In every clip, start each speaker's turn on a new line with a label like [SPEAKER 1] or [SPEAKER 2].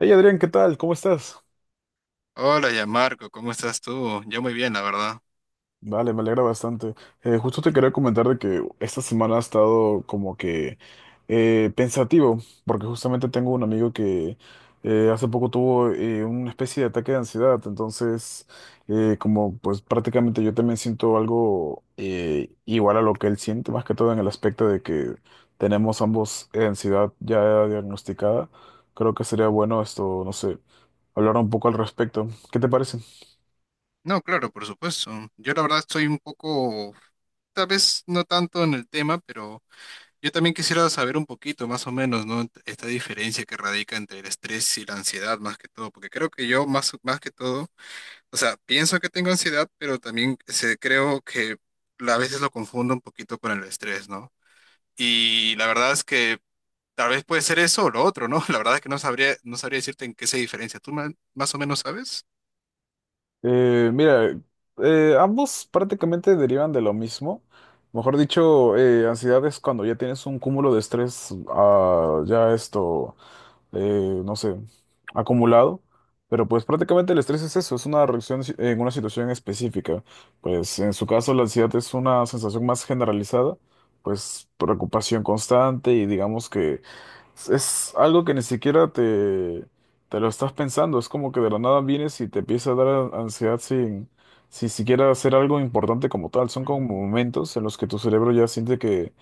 [SPEAKER 1] Hey Adrián, ¿qué tal? ¿Cómo estás?
[SPEAKER 2] Hola, ya Marco, ¿cómo estás tú? Yo muy bien, la verdad.
[SPEAKER 1] Vale, me alegra bastante. Justo te quería comentar de que esta semana ha estado como que pensativo, porque justamente tengo un amigo que hace poco tuvo una especie de ataque de ansiedad. Entonces como pues prácticamente yo también siento algo igual a lo que él siente, más que todo en el aspecto de que tenemos ambos ansiedad ya diagnosticada. Creo que sería bueno esto, no sé, hablar un poco al respecto. ¿Qué te parece?
[SPEAKER 2] No, claro, por supuesto. Yo la verdad estoy un poco, tal vez no tanto en el tema, pero yo también quisiera saber un poquito más o menos, ¿no? Esta diferencia que radica entre el estrés y la ansiedad más que todo, porque creo que yo más que todo, o sea, pienso que tengo ansiedad, pero también se, creo que a veces lo confundo un poquito con el estrés, ¿no? Y la verdad es que tal vez puede ser eso o lo otro, ¿no? La verdad es que no sabría decirte en qué se diferencia. ¿Tú más o menos sabes?
[SPEAKER 1] Mira, ambos prácticamente derivan de lo mismo. Mejor dicho, ansiedad es cuando ya tienes un cúmulo de estrés, ah, ya esto, no sé, acumulado. Pero pues prácticamente el estrés es eso, es una reacción en una situación específica. Pues en su caso la ansiedad es una sensación más generalizada, pues preocupación constante, y digamos que es algo que ni siquiera te lo estás pensando. Es como que de la nada vienes y te empieza a dar ansiedad sin siquiera hacer algo importante como tal. Son como momentos en los que tu cerebro ya siente que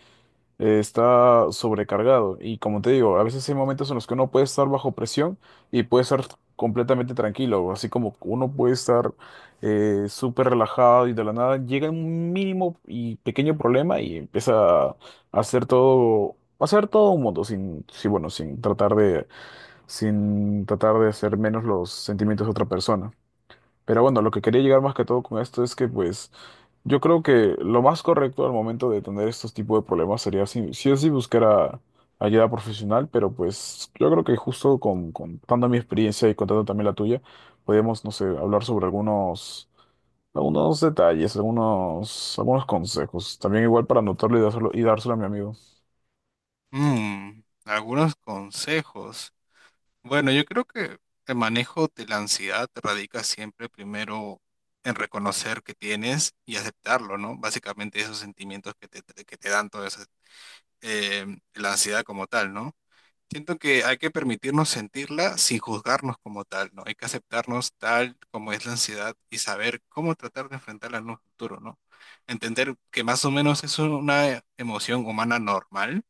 [SPEAKER 1] está sobrecargado. Y como te digo, a veces hay momentos en los que uno puede estar bajo presión y puede estar completamente tranquilo, así como uno puede estar súper relajado y de la nada llega un mínimo y pequeño problema y empieza a hacer todo un mundo sin, sí, bueno, sin tratar de sin tratar de hacer menos los sentimientos de otra persona. Pero bueno, lo que quería llegar más que todo con esto es que pues yo creo que lo más correcto al momento de tener estos tipos de problemas sería sí, sí o sí buscar ayuda profesional, pero pues yo creo que justo contando mi experiencia y contando también la tuya, podemos, no sé, hablar sobre algunos detalles, algunos consejos, también igual para anotarlo y dárselo a mi amigo.
[SPEAKER 2] Mm, algunos consejos. Bueno, yo creo que el manejo de la ansiedad radica siempre primero en reconocer que tienes y aceptarlo, ¿no? Básicamente esos sentimientos que te dan toda esa, eh, la ansiedad como tal, ¿no? Siento que hay que permitirnos sentirla sin juzgarnos como tal, ¿no? Hay que aceptarnos tal como es la ansiedad y saber cómo tratar de enfrentarla en un futuro, ¿no? Entender que más o menos es una emoción humana normal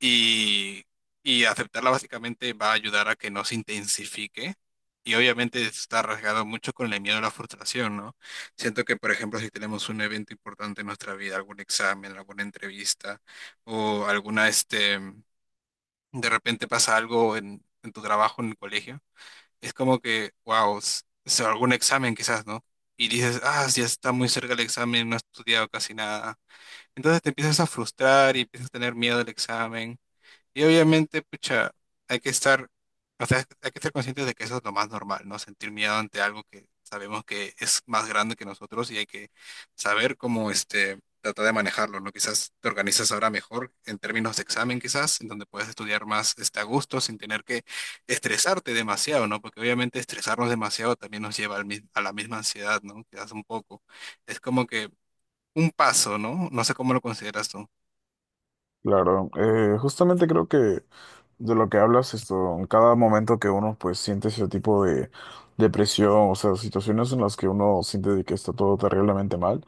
[SPEAKER 2] y, y aceptarla básicamente va a ayudar a que no se intensifique. Y obviamente está rasgado mucho con el miedo a la frustración, ¿no? Siento que, por ejemplo, si tenemos un evento importante en nuestra vida, algún examen, alguna entrevista o alguna, este, de repente pasa algo en tu trabajo, en el colegio, es como que, wow, algún examen quizás, ¿no? Y dices, ah, ya está muy cerca el examen, no he estudiado casi nada. Entonces te empiezas a frustrar y empiezas a tener miedo al examen y obviamente, pucha, hay que estar, o sea, hay que estar conscientes de que eso es lo más normal, ¿no? Sentir miedo ante algo que sabemos que es más grande que nosotros y hay que saber cómo, este, tratar de manejarlo, ¿no? Quizás te organizas ahora mejor en términos de examen, quizás, en donde puedes estudiar más, este, a gusto sin tener que estresarte demasiado, ¿no? Porque obviamente estresarnos demasiado también nos lleva al a la misma ansiedad, ¿no? Quizás un poco. Es como que un paso, ¿no? No sé cómo lo consideras tú.
[SPEAKER 1] Claro, justamente creo que de lo que hablas, esto, en cada momento que uno pues siente ese tipo de depresión, o sea, situaciones en las que uno siente de que está todo terriblemente mal.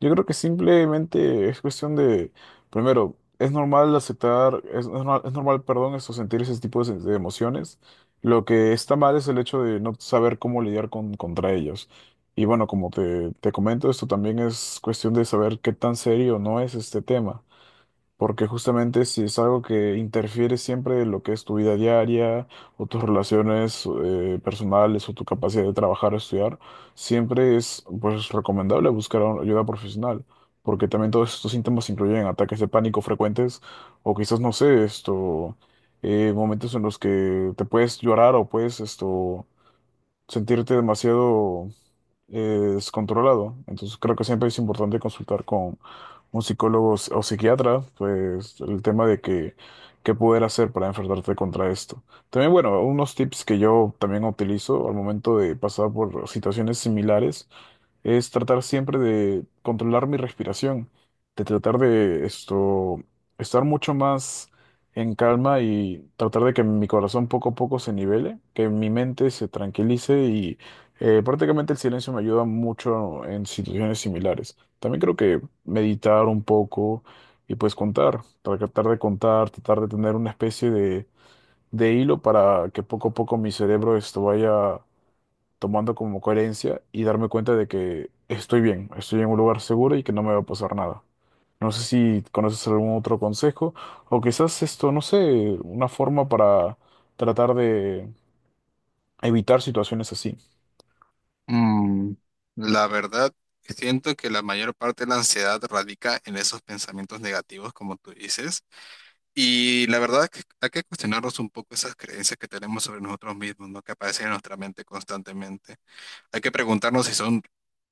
[SPEAKER 1] Yo creo que simplemente es cuestión de, primero, es normal aceptar, es normal, perdón, eso, sentir ese tipo de emociones. Lo que está mal es el hecho de no saber cómo lidiar contra ellos. Y bueno, como te comento, esto también es cuestión de saber qué tan serio no es este tema. Porque justamente si es algo que interfiere siempre en lo que es tu vida diaria o tus relaciones personales o tu capacidad de trabajar o estudiar, siempre es pues recomendable buscar ayuda profesional, porque también todos estos síntomas incluyen ataques de pánico frecuentes o quizás, no sé, esto, momentos en los que te puedes llorar o puedes esto, sentirte demasiado es controlado. Entonces creo que siempre es importante consultar con un psicólogo o psiquiatra, pues el tema de que qué poder hacer para enfrentarte contra esto. También, bueno, unos tips que yo también utilizo al momento de pasar por situaciones similares es tratar siempre de controlar mi respiración, de tratar de esto, estar mucho más en calma y tratar de que mi corazón poco a poco se nivele, que mi mente se tranquilice y prácticamente el silencio me ayuda mucho en situaciones similares. También creo que meditar un poco, y pues contar, tratar de tener una especie de hilo para que poco a poco mi cerebro esto vaya tomando como coherencia y darme cuenta de que estoy bien, estoy en un lugar seguro y que no me va a pasar nada. No sé si conoces algún otro consejo o quizás esto, no sé, una forma para tratar de evitar situaciones así.
[SPEAKER 2] Mm, la verdad, siento que la mayor parte de la ansiedad radica en esos pensamientos negativos, como tú dices. Y la verdad es que hay que cuestionarnos un poco esas creencias que tenemos sobre nosotros mismos, ¿no? Que aparecen en nuestra mente constantemente. Hay que preguntarnos si son,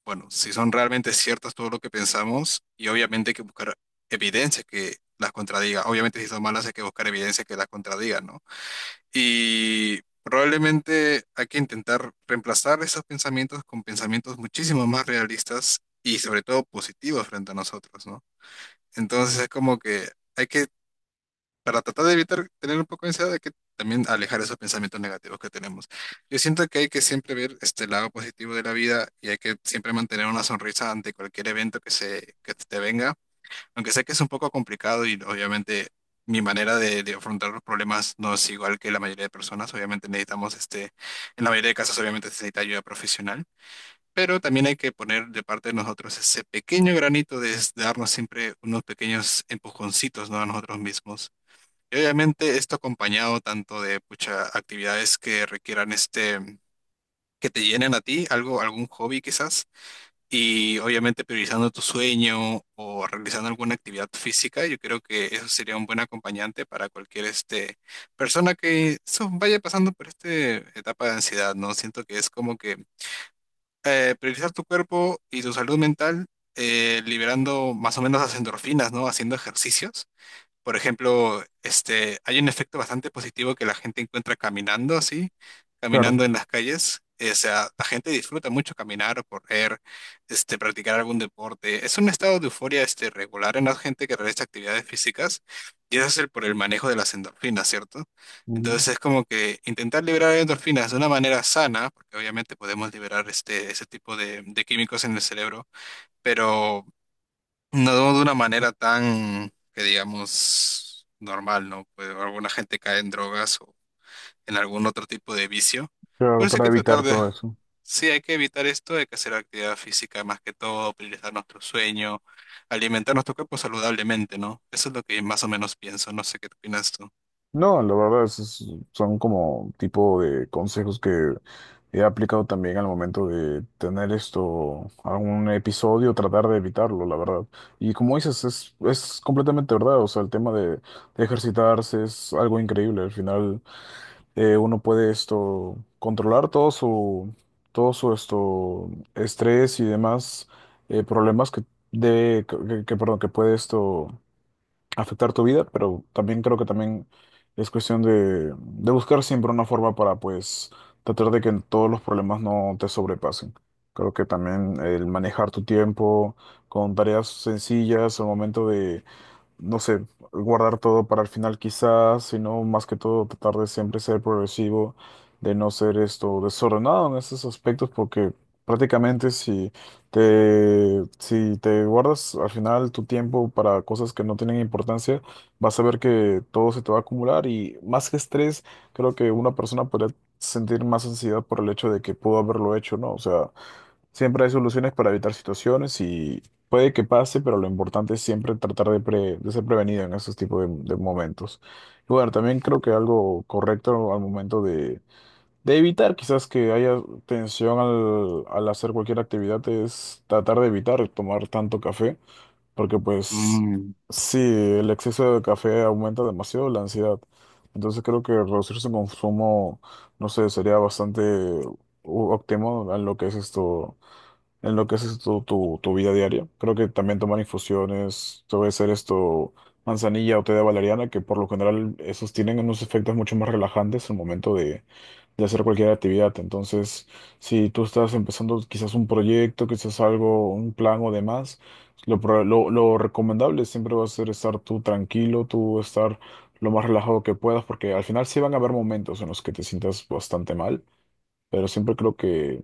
[SPEAKER 2] bueno, si son realmente ciertas todo lo que pensamos y obviamente hay que buscar evidencia que las contradiga. Obviamente si son malas hay que buscar evidencia que las contradiga, ¿no? Y probablemente hay que intentar reemplazar esos pensamientos con pensamientos muchísimo más realistas y sobre todo positivos frente a nosotros, ¿no? Entonces es como que hay que, para tratar de evitar tener un poco de ansiedad, hay que también alejar esos pensamientos negativos que tenemos. Yo siento que hay que siempre ver este lado positivo de la vida y hay que siempre mantener una sonrisa ante cualquier evento que te venga aunque sé que es un poco complicado y obviamente mi manera de afrontar los problemas no es igual que la mayoría de personas. Obviamente necesitamos, este, en la mayoría de casos obviamente se necesita ayuda profesional, pero también hay que poner de parte de nosotros ese pequeño granito de darnos siempre unos pequeños empujoncitos, ¿no? A nosotros mismos. Y obviamente esto acompañado tanto de muchas actividades que requieran este, que te llenen a ti, algo, algún hobby quizás y obviamente priorizando tu sueño o realizando alguna actividad física, yo creo que eso sería un buen acompañante para cualquier este, persona que so, vaya pasando por esta etapa de ansiedad, ¿no? Siento que es como que priorizar tu cuerpo y tu salud mental, liberando más o menos las endorfinas, ¿no? Haciendo ejercicios. Por ejemplo, este, hay un efecto bastante positivo que la gente encuentra caminando así, caminando
[SPEAKER 1] Claro.
[SPEAKER 2] en las calles. O sea, la gente disfruta mucho caminar o correr, este, practicar algún deporte. Es un estado de euforia, este, regular en la gente que realiza actividades físicas y eso es por el manejo de las endorfinas, ¿cierto?
[SPEAKER 1] Ujú.
[SPEAKER 2] Entonces es como que intentar liberar endorfinas de una manera sana, porque obviamente podemos liberar este, ese tipo de químicos en el cerebro pero no de una manera tan, que digamos, normal, ¿no? Pues alguna gente cae en drogas o en algún otro tipo de vicio.
[SPEAKER 1] Claro,
[SPEAKER 2] Por eso hay
[SPEAKER 1] para
[SPEAKER 2] que
[SPEAKER 1] evitar
[SPEAKER 2] tratar de...
[SPEAKER 1] todo eso.
[SPEAKER 2] Sí, hay que evitar esto, hay que hacer actividad física más que todo, priorizar nuestro sueño, alimentar nuestro cuerpo saludablemente, ¿no? Eso es lo que más o menos pienso, no sé qué opinas tú.
[SPEAKER 1] No, la verdad es son como tipo de consejos que he aplicado también al momento de tener esto, algún episodio, tratar de evitarlo, la verdad. Y como dices, es completamente verdad, o sea, el tema de ejercitarse es algo increíble. Al final, uno puede esto, controlar todo todo su esto, estrés y demás problemas que perdón, que puede esto afectar tu vida, pero también creo que también es cuestión de buscar siempre una forma para, pues, tratar de que todos los problemas no te sobrepasen. Creo que también el manejar tu tiempo con tareas sencillas al momento de no sé, guardar todo para el final quizás, sino más que todo tratar de siempre ser progresivo, de no ser esto desordenado en esos aspectos, porque prácticamente si te guardas al final tu tiempo para cosas que no tienen importancia, vas a ver que todo se te va a acumular, y más que estrés, creo que una persona podría sentir más ansiedad por el hecho de que pudo haberlo hecho, ¿no? O sea... Siempre hay soluciones para evitar situaciones y puede que pase, pero lo importante es siempre tratar de ser prevenido en esos tipos de momentos. Y bueno, también creo que algo correcto al momento de evitar quizás que haya tensión al hacer cualquier actividad es tratar de evitar tomar tanto café, porque pues
[SPEAKER 2] Mm,
[SPEAKER 1] sí, el exceso de café aumenta demasiado la ansiedad. Entonces creo que reducir su consumo, no sé, sería bastante óptimo a lo que es esto en lo que es tu vida diaria. Creo que también toman infusiones, puede ser esto, manzanilla o té de valeriana, que por lo general esos tienen unos efectos mucho más relajantes al momento de hacer cualquier actividad. Entonces, si tú estás empezando quizás un proyecto, quizás algo, un plan o demás, lo recomendable siempre va a ser estar tú tranquilo, tú estar lo más relajado que puedas, porque al final sí van a haber momentos en los que te sientas bastante mal, pero siempre creo que,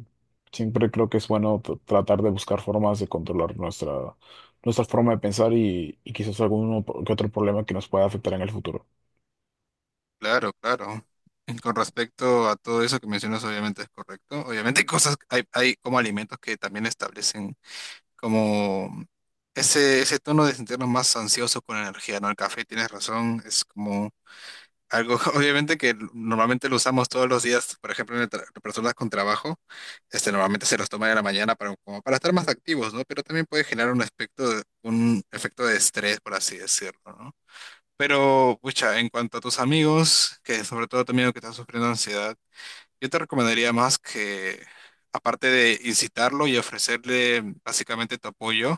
[SPEAKER 1] siempre creo que es bueno tratar de buscar formas de controlar nuestra forma de pensar, y quizás algún que otro problema que nos pueda afectar en el futuro.
[SPEAKER 2] claro, claro. Y con respecto a todo eso que mencionas, obviamente es correcto. Obviamente hay como alimentos que también establecen como ese tono de sentirnos más ansiosos con energía, ¿no? El café, tienes razón, es como algo, obviamente que normalmente lo usamos todos los días, por ejemplo, en el personas con trabajo, este, normalmente se los toman en la mañana para, como para estar más activos, ¿no? Pero también puede generar un aspecto, un efecto de estrés, por así decirlo, ¿no? Pero, pucha, en cuanto a tus amigos, que sobre todo tu amigo que está sufriendo ansiedad, yo te recomendaría más que, aparte de incitarlo y ofrecerle básicamente tu apoyo,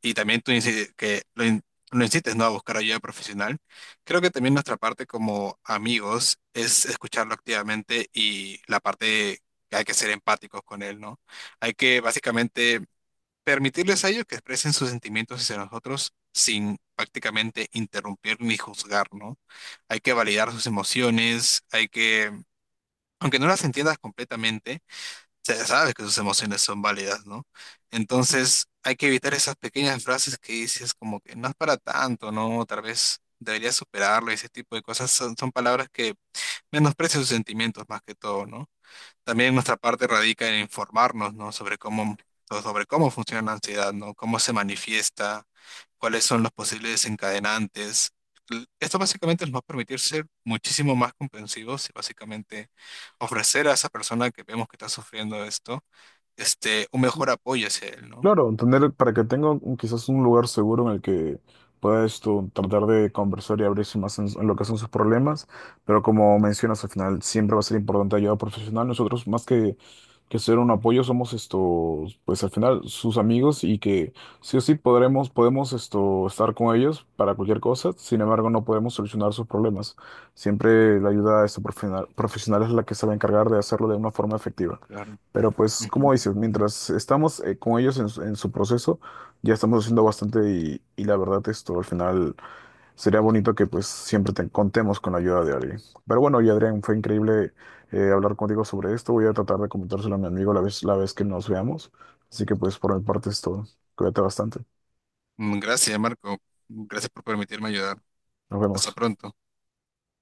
[SPEAKER 2] y también tú que lo, lo insistes, ¿no? A buscar ayuda profesional. Creo que también nuestra parte como amigos es escucharlo activamente y la parte que hay que ser empáticos con él, ¿no? Hay que básicamente permitirles a ellos que expresen sus sentimientos hacia nosotros sin prácticamente interrumpir ni juzgar, ¿no? Hay que validar sus emociones, hay que, aunque no las entiendas completamente, se sabe que sus emociones son válidas, ¿no? Entonces hay que evitar esas pequeñas frases que dices como que no es para tanto, ¿no? Tal vez deberías superarlo, y ese tipo de cosas son, son palabras que menosprecian sus sentimientos más que todo, ¿no? También nuestra parte radica en informarnos, ¿no? Sobre cómo, sobre cómo funciona la ansiedad, ¿no? Cómo se manifiesta, cuáles son los posibles desencadenantes. Esto básicamente nos va a permitir ser muchísimo más comprensivos y básicamente ofrecer a esa persona que vemos que está sufriendo esto este, un mejor apoyo hacia él, ¿no?
[SPEAKER 1] Claro, tener para que tenga quizás un lugar seguro en el que puedas tú tratar de conversar y abrirse más en lo que son sus problemas, pero como mencionas al final siempre va a ser importante ayuda profesional. Nosotros más que ser un apoyo somos esto, pues al final sus amigos, y que sí o sí podremos podemos esto estar con ellos para cualquier cosa. Sin embargo, no podemos solucionar sus problemas. Siempre la ayuda de este profesional es la que se va a encargar de hacerlo de una forma efectiva.
[SPEAKER 2] Claro.
[SPEAKER 1] Pero pues,
[SPEAKER 2] Ujú.
[SPEAKER 1] como dices, mientras estamos con ellos su en su proceso, ya estamos haciendo bastante, y la verdad esto al final sería bonito que pues siempre te contemos con la ayuda de alguien. Pero bueno, y Adrián, fue increíble hablar contigo sobre esto. Voy a tratar de comentárselo a mi amigo la vez que nos veamos. Así que pues por mi parte es todo. Cuídate bastante.
[SPEAKER 2] Mm, gracias, Marco. Gracias por permitirme ayudar.
[SPEAKER 1] Nos
[SPEAKER 2] Hasta
[SPEAKER 1] vemos.
[SPEAKER 2] pronto.